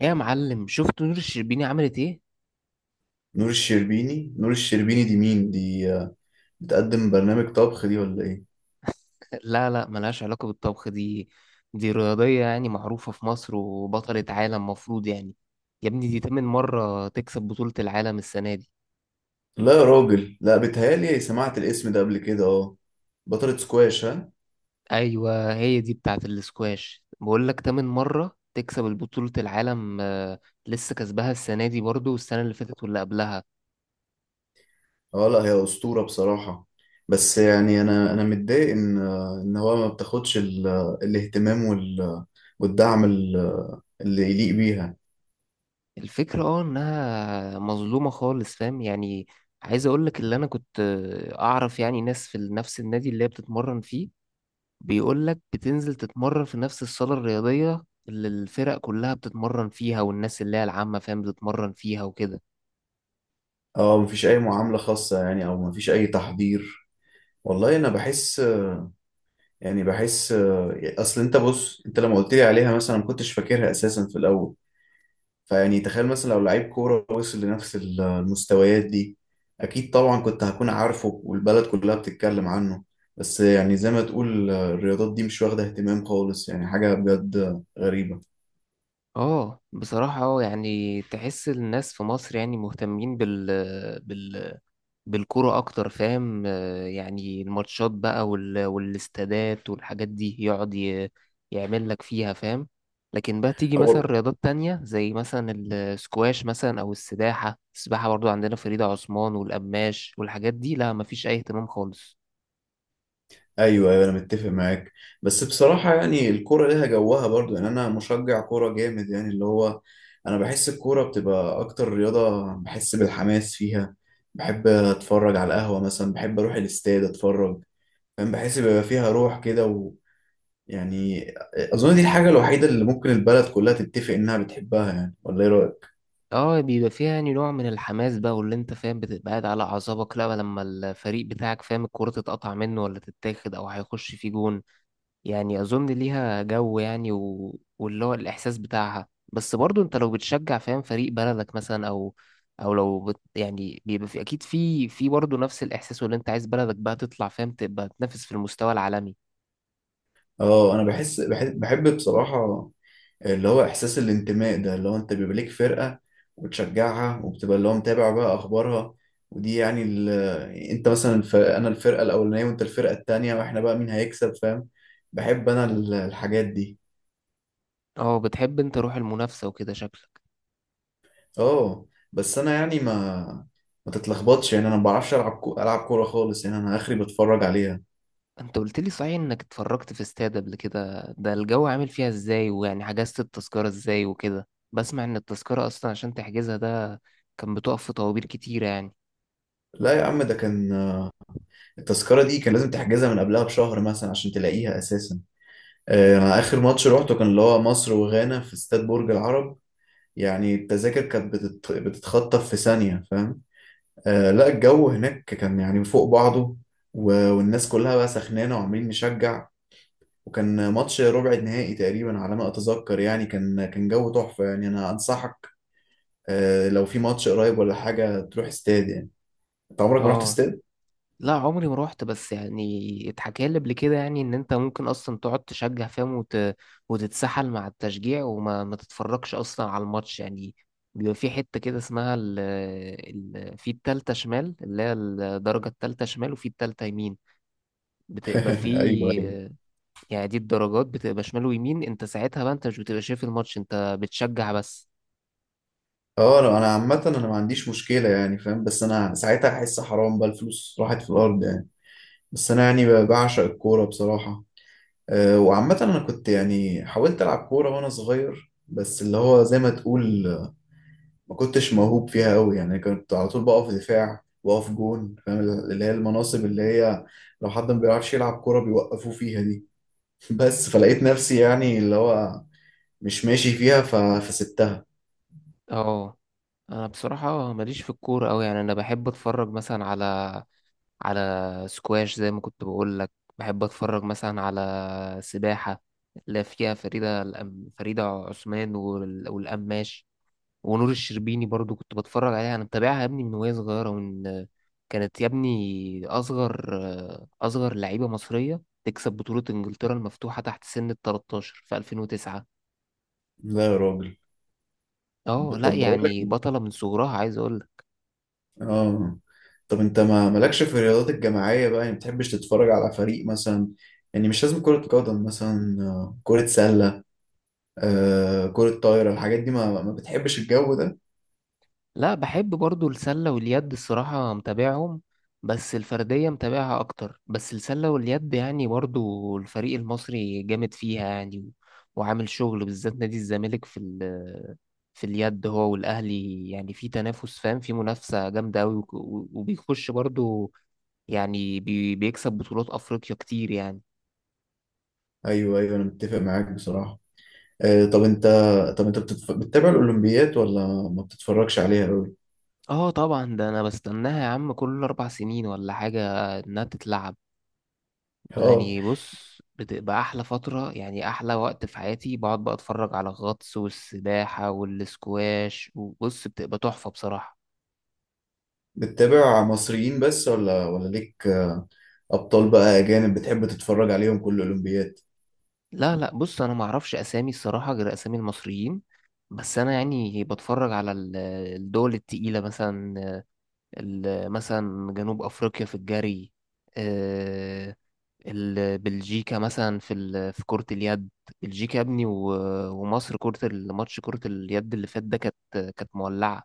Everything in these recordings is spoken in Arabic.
ايه يا معلم، شفت نور الشربيني عملت ايه؟ نور الشربيني دي مين؟ دي بتقدم برنامج طبخ دي ولا ايه؟ لا لا، ملهاش علاقة بالطبخ دي. دي رياضية يعني، معروفة في مصر وبطلة عالم مفروض يعني. يا ابني دي تامن مرة تكسب بطولة العالم السنة دي. لا يا راجل، لا، بتهيالي سمعت الاسم ده قبل كده. اه، بطلة سكواش؟ ها. ايوه هي دي بتاعة الاسكواش، بقول لك تامن مرة تكسب البطولة العالم. لسه كسبها السنة دي برضو، والسنة اللي فاتت واللي قبلها. اه، لا، هي أسطورة بصراحة. بس يعني انا متضايق ان هو ما بتاخدش الاهتمام والدعم اللي يليق بيها. الفكرة اه انها مظلومة خالص، فاهم يعني. عايز اقول لك اللي انا كنت اعرف يعني ناس في نفس النادي اللي هي بتتمرن فيه. بيقول لك بتنزل تتمرن في نفس الصالة الرياضية اللي الفرق كلها بتتمرن فيها، والناس اللي هي العامة فاهم بتتمرن فيها وكده. اه، مفيش اي معاملة خاصة، يعني او مفيش اي تحضير. والله انا بحس، يعني بحس، اصل بص، انت لما قلت لي عليها مثلا ما كنتش فاكرها اساسا في الاول. فيعني تخيل مثلا لو لعيب كورة وصل لنفس المستويات دي، أكيد طبعا كنت هكون عارفه، والبلد كلها بتتكلم عنه. بس يعني زي ما تقول الرياضات دي مش واخدة اهتمام خالص، يعني حاجة بجد غريبة. اه بصراحة اه يعني تحس الناس في مصر يعني مهتمين بال بالكرة أكتر فاهم. يعني الماتشات بقى وال... والاستادات والحاجات دي يقعد يعمل لك فيها فاهم. لكن بقى تيجي مثلا هو. رياضات تانية زي مثلا السكواش مثلا، أو السباحة. السباحة برضو عندنا فريدة عثمان والقماش والحاجات دي، لا مفيش أي اهتمام خالص. أيوه، أيوه، أنا متفق معاك. بس بصراحة يعني الكورة ليها جوها برضو، يعني أنا مشجع كورة جامد، يعني اللي هو أنا بحس الكورة بتبقى أكتر رياضة بحس بالحماس فيها. بحب أتفرج على القهوة مثلا، بحب أروح الاستاد أتفرج. فاهم، بحس بيبقى فيها روح كده، يعني. اظن دي الحاجه الوحيده اللي ممكن البلد كلها تتفق انها بتحبها، يعني، ولا ايه رايك؟ اه بيبقى فيها يعني نوع من الحماس بقى، واللي انت فاهم بتبقى قاعد على اعصابك لا لما الفريق بتاعك فاهم الكرة تتقطع منه ولا تتاخد او هيخش في جون. يعني اظن ليها جو يعني واللي هو الاحساس بتاعها. بس برضو انت لو بتشجع فاهم فريق بلدك مثلا، او او لو يعني بيبقى في اكيد في في برضو نفس الاحساس، واللي انت عايز بلدك بقى تطلع فاهم تبقى تنافس في المستوى العالمي. اه، انا بحب بصراحه. اللي هو احساس الانتماء ده، اللي هو انت بيبقى ليك فرقه وتشجعها، وبتبقى اللي هو متابع بقى اخبارها. ودي يعني انت مثلا انا الفرقه الاولانيه وانت الفرقه التانيه، واحنا بقى مين هيكسب، فاهم؟ بحب انا الحاجات دي. اه بتحب انت روح المنافسة وكده شكلك. اه، بس انا يعني ما تتلخبطش، يعني انا ما بعرفش العب كوره خالص، يعني انا اخري بتفرج عليها. انت قلت لي صحيح انك اتفرجت في استاد قبل كده، ده الجو عامل فيها ازاي؟ ويعني حجزت التذكرة ازاي وكده؟ بسمع ان التذكرة اصلا عشان تحجزها ده كان بتقف في طوابير كتيرة يعني. لا يا عم، ده كان التذكرة دي كان لازم تحجزها من قبلها بشهر مثلا عشان تلاقيها أساسا. أنا آخر ماتش روحته كان اللي هو مصر وغانا في استاد برج العرب. يعني التذاكر كانت بتتخطف في ثانية، فاهم؟ لا، الجو هناك كان يعني فوق بعضه، والناس كلها بقى سخنانة وعمالين نشجع. وكان ماتش ربع نهائي تقريبا على ما أتذكر، يعني كان جو تحفة، يعني أنا أنصحك، لو في ماتش قريب ولا حاجة تروح استاد، يعني. أنت عمرك ما رحت اه استاد؟ لا، عمري ما روحت، بس يعني اتحكى لي قبل كده يعني ان انت ممكن اصلا تقعد تشجع فاهم وتتسحل مع التشجيع، وما ما تتفرجش اصلا على الماتش يعني. بيبقى في حتة كده اسمها في التالتة شمال، اللي هي الدرجة التالتة شمال وفي التالتة يمين. بتبقى في، أيوه. يعني دي الدرجات بتبقى شمال ويمين. انت ساعتها بقى انت مش بتبقى شايف الماتش، انت بتشجع بس. اه، انا عامة انا ما عنديش مشكلة، يعني فاهم، بس انا ساعتها هحس حرام بقى الفلوس راحت في الارض يعني. بس انا يعني بعشق الكورة بصراحة. أه، وعامة انا كنت يعني حاولت العب كورة وانا صغير، بس اللي هو زي ما تقول، ما كنتش موهوب فيها قوي، يعني كنت على طول بقف دفاع واقف جون، فاهم، اللي هي المناصب اللي هي لو حد ما بيعرفش يلعب كورة بيوقفوه فيها دي. بس، فلقيت نفسي يعني اللي هو مش ماشي فيها، فسبتها. اه انا بصراحة ماليش في الكورة أوي، يعني انا بحب اتفرج مثلا على على سكواش زي ما كنت بقول لك. بحب اتفرج مثلا على سباحة اللي فيها فريدة عثمان والقماش. ونور الشربيني برضو كنت بتفرج عليها، انا متابعها يا ابني من وهي صغيرة، ومن كانت يا ابني اصغر اصغر لعيبة مصرية تكسب بطولة انجلترا المفتوحة تحت سن ال 13 في 2009. لا يا راجل. اه لا، طب بقول لك، يعني بطلة من صغرها عايز اقول. اه. طب انت ما مالكش في الرياضات الجماعية بقى، يعني ما بتحبش تتفرج على فريق مثلا؟ يعني مش لازم كرة قدم، مثلا كرة سلة، كرة طايرة، الحاجات دي ما بتحبش الجو ده؟ لا بحب برضو السلة واليد الصراحة، متابعهم. بس الفردية متابعها أكتر، بس السلة واليد يعني برضو الفريق المصري جامد فيها يعني وعامل شغل، بالذات نادي الزمالك في ال في اليد هو والأهلي، يعني في تنافس فاهم في منافسة جامدة أوي، وك- و- وبيخش برضو يعني بيكسب بطولات أفريقيا كتير يعني. ايوه، ايوه، انا متفق معاك بصراحة. آه، طب انت طب انت بتتابع الاولمبيات ولا ما بتتفرجش عليها قوي؟ اه طبعا ده أنا بستناها يا عم كل أربع سنين ولا حاجة إنها تتلعب. اه، يعني بص، بتبقى احلى فتره يعني احلى وقت في حياتي، بقعد بقى اتفرج على الغطس والسباحه والسكواش، وبص بتبقى تحفه بصراحه. بتتابع مصريين بس، ولا ليك ابطال بقى اجانب بتحب تتفرج عليهم كل الاولمبيات؟ لا لا، بص انا ما اعرفش اسامي الصراحه غير اسامي المصريين، بس انا يعني بتفرج على الدول التقيله مثلا، مثلا جنوب افريقيا في الجري. آه، بلجيكا مثلا في في كرة اليد. بلجيكا يا ابني ومصر كرة الماتش كرة اليد اللي فات ده كانت مولعة.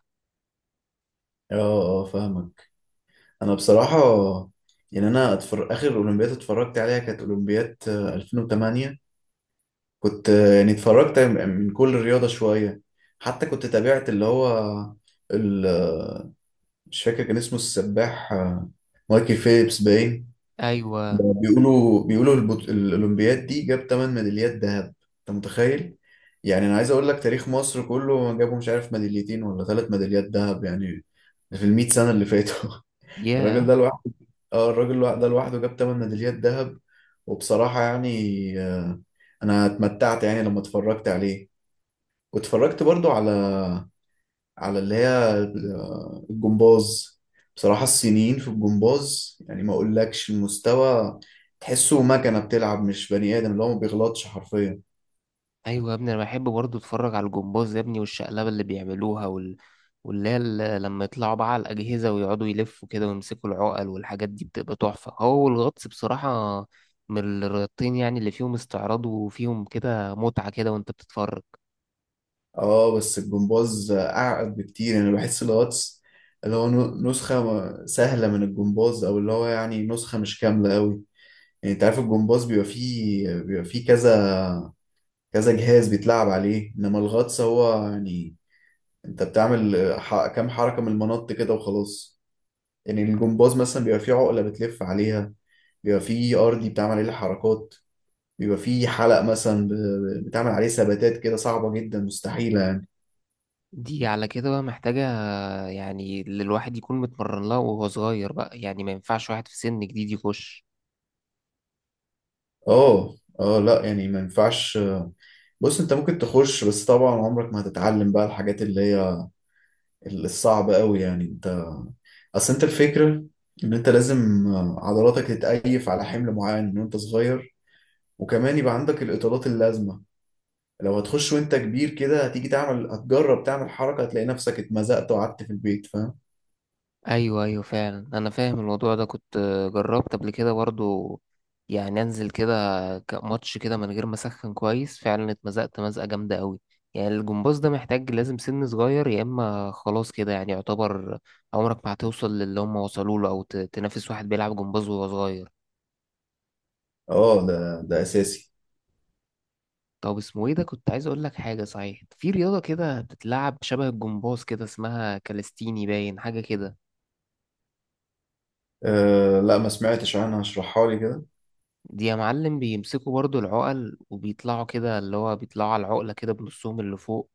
اه، اه، فاهمك. انا بصراحه يعني انا اخر اولمبياد اتفرجت عليها كانت اولمبياد 2008. كنت، يعني اتفرجت من كل رياضه شويه. حتى كنت تابعت اللي هو ال... آه، مش فاكر كان اسمه، السباح، مايكل فيليبس باين. ايوه. بيقولوا الاولمبياد دي جاب 8 ميداليات ذهب. انت متخيل؟ يعني انا عايز اقول لك تاريخ مصر كله جابوا مش عارف ميداليتين ولا ثلاث ميداليات ذهب، يعني في ال 100 سنه اللي فاتوا. الراجل ياه. ده، اه، الراجل ده لوحده جاب 8 ميداليات ذهب. وبصراحة يعني، أنا اتمتعت يعني لما اتفرجت عليه، واتفرجت برضو على اللي هي، الجمباز. بصراحة الصينيين في الجمباز يعني ما أقولكش المستوى، تحسه مكنة بتلعب، مش بني آدم، اللي هو ما بيغلطش حرفيا. ايوه يا ابني انا بحب برضه اتفرج على الجمباز يا ابني، والشقلبه اللي بيعملوها واللي هي لما يطلعوا بقى على الاجهزه ويقعدوا يلفوا كده ويمسكوا العقل، والحاجات دي بتبقى تحفه هو والغطس بصراحه. من الرياضتين يعني اللي فيهم استعراض، وفيهم كده متعه كده وانت بتتفرج. اه، بس الجمباز أعقد بكتير، يعني أنا بحس الغطس اللي هو نسخة سهلة من الجمباز، أو اللي هو يعني نسخة مش كاملة أوي. يعني انت عارف الجمباز بيبقى فيه كذا كذا جهاز بيتلعب عليه، انما الغطس هو يعني انت بتعمل كام حركة من المنط كده وخلاص. يعني الجمباز مثلا بيبقى فيه عقلة بتلف عليها، بيبقى فيه ارضي بتعمل عليه الحركات، بيبقى فيه حلق مثلا بتعمل عليه ثباتات كده صعبة جدا مستحيلة يعني. دي على كده بقى محتاجه يعني اللي الواحد يكون متمرن لها وهو صغير بقى، يعني ما ينفعش واحد في سن جديد يخش. اه، اه، لا يعني ما ينفعش. بص، انت ممكن تخش، بس طبعا عمرك ما هتتعلم بقى الحاجات اللي هي الصعبة قوي، يعني. اصل انت الفكرة ان انت لازم عضلاتك تتأيف على حمل معين من وانت صغير، وكمان يبقى عندك الاطالات اللازمة. لو هتخش وانت كبير كده، هتيجي تعمل، هتجرب تعمل حركة، هتلاقي نفسك اتمزقت وقعدت في البيت، فاهم؟ ايوه ايوه فعلا انا فاهم الموضوع ده، كنت جربت قبل كده برضو، يعني انزل كده ماتش كده من غير ما اسخن كويس، فعلا اتمزقت مزقه جامده قوي. يعني الجمباز ده محتاج لازم سن صغير، يا اما خلاص كده يعني يعتبر عمرك ما هتوصل للي هم وصلوا له، او تنافس واحد بيلعب جمباز وهو صغير. اه، ده اساسي. طب اسمه ايه ده، كنت عايز اقول لك حاجه صحيح، في رياضه كده بتتلعب شبه الجمباز كده اسمها كاليستيني باين حاجه كده. أه، لا، ما سمعتش عنها، اشرحها لي كده. دي يا معلم بيمسكوا برضو العقل وبيطلعوا كده، اللي هو بيطلعوا على العقلة كده بنصهم اللي فوق،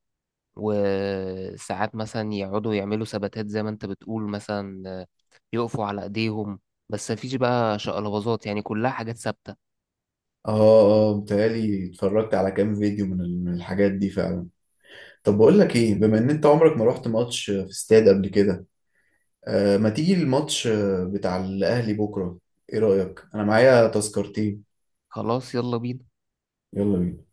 وساعات مثلا يقعدوا يعملوا ثباتات زي ما انت بتقول مثلا، يقفوا على ايديهم، بس مفيش بقى شقلباظات، يعني كلها حاجات ثابتة. اه، اه، متهيألي اتفرجت على كام فيديو من الحاجات دي فعلا. طب بقول لك ايه، بما ان انت عمرك ما رحت ماتش في استاد قبل كده، ما تيجي الماتش بتاع الأهلي بكرة. إيه رأيك؟ أنا معايا تذكرتين. خلاص يلا بينا. يلا بينا.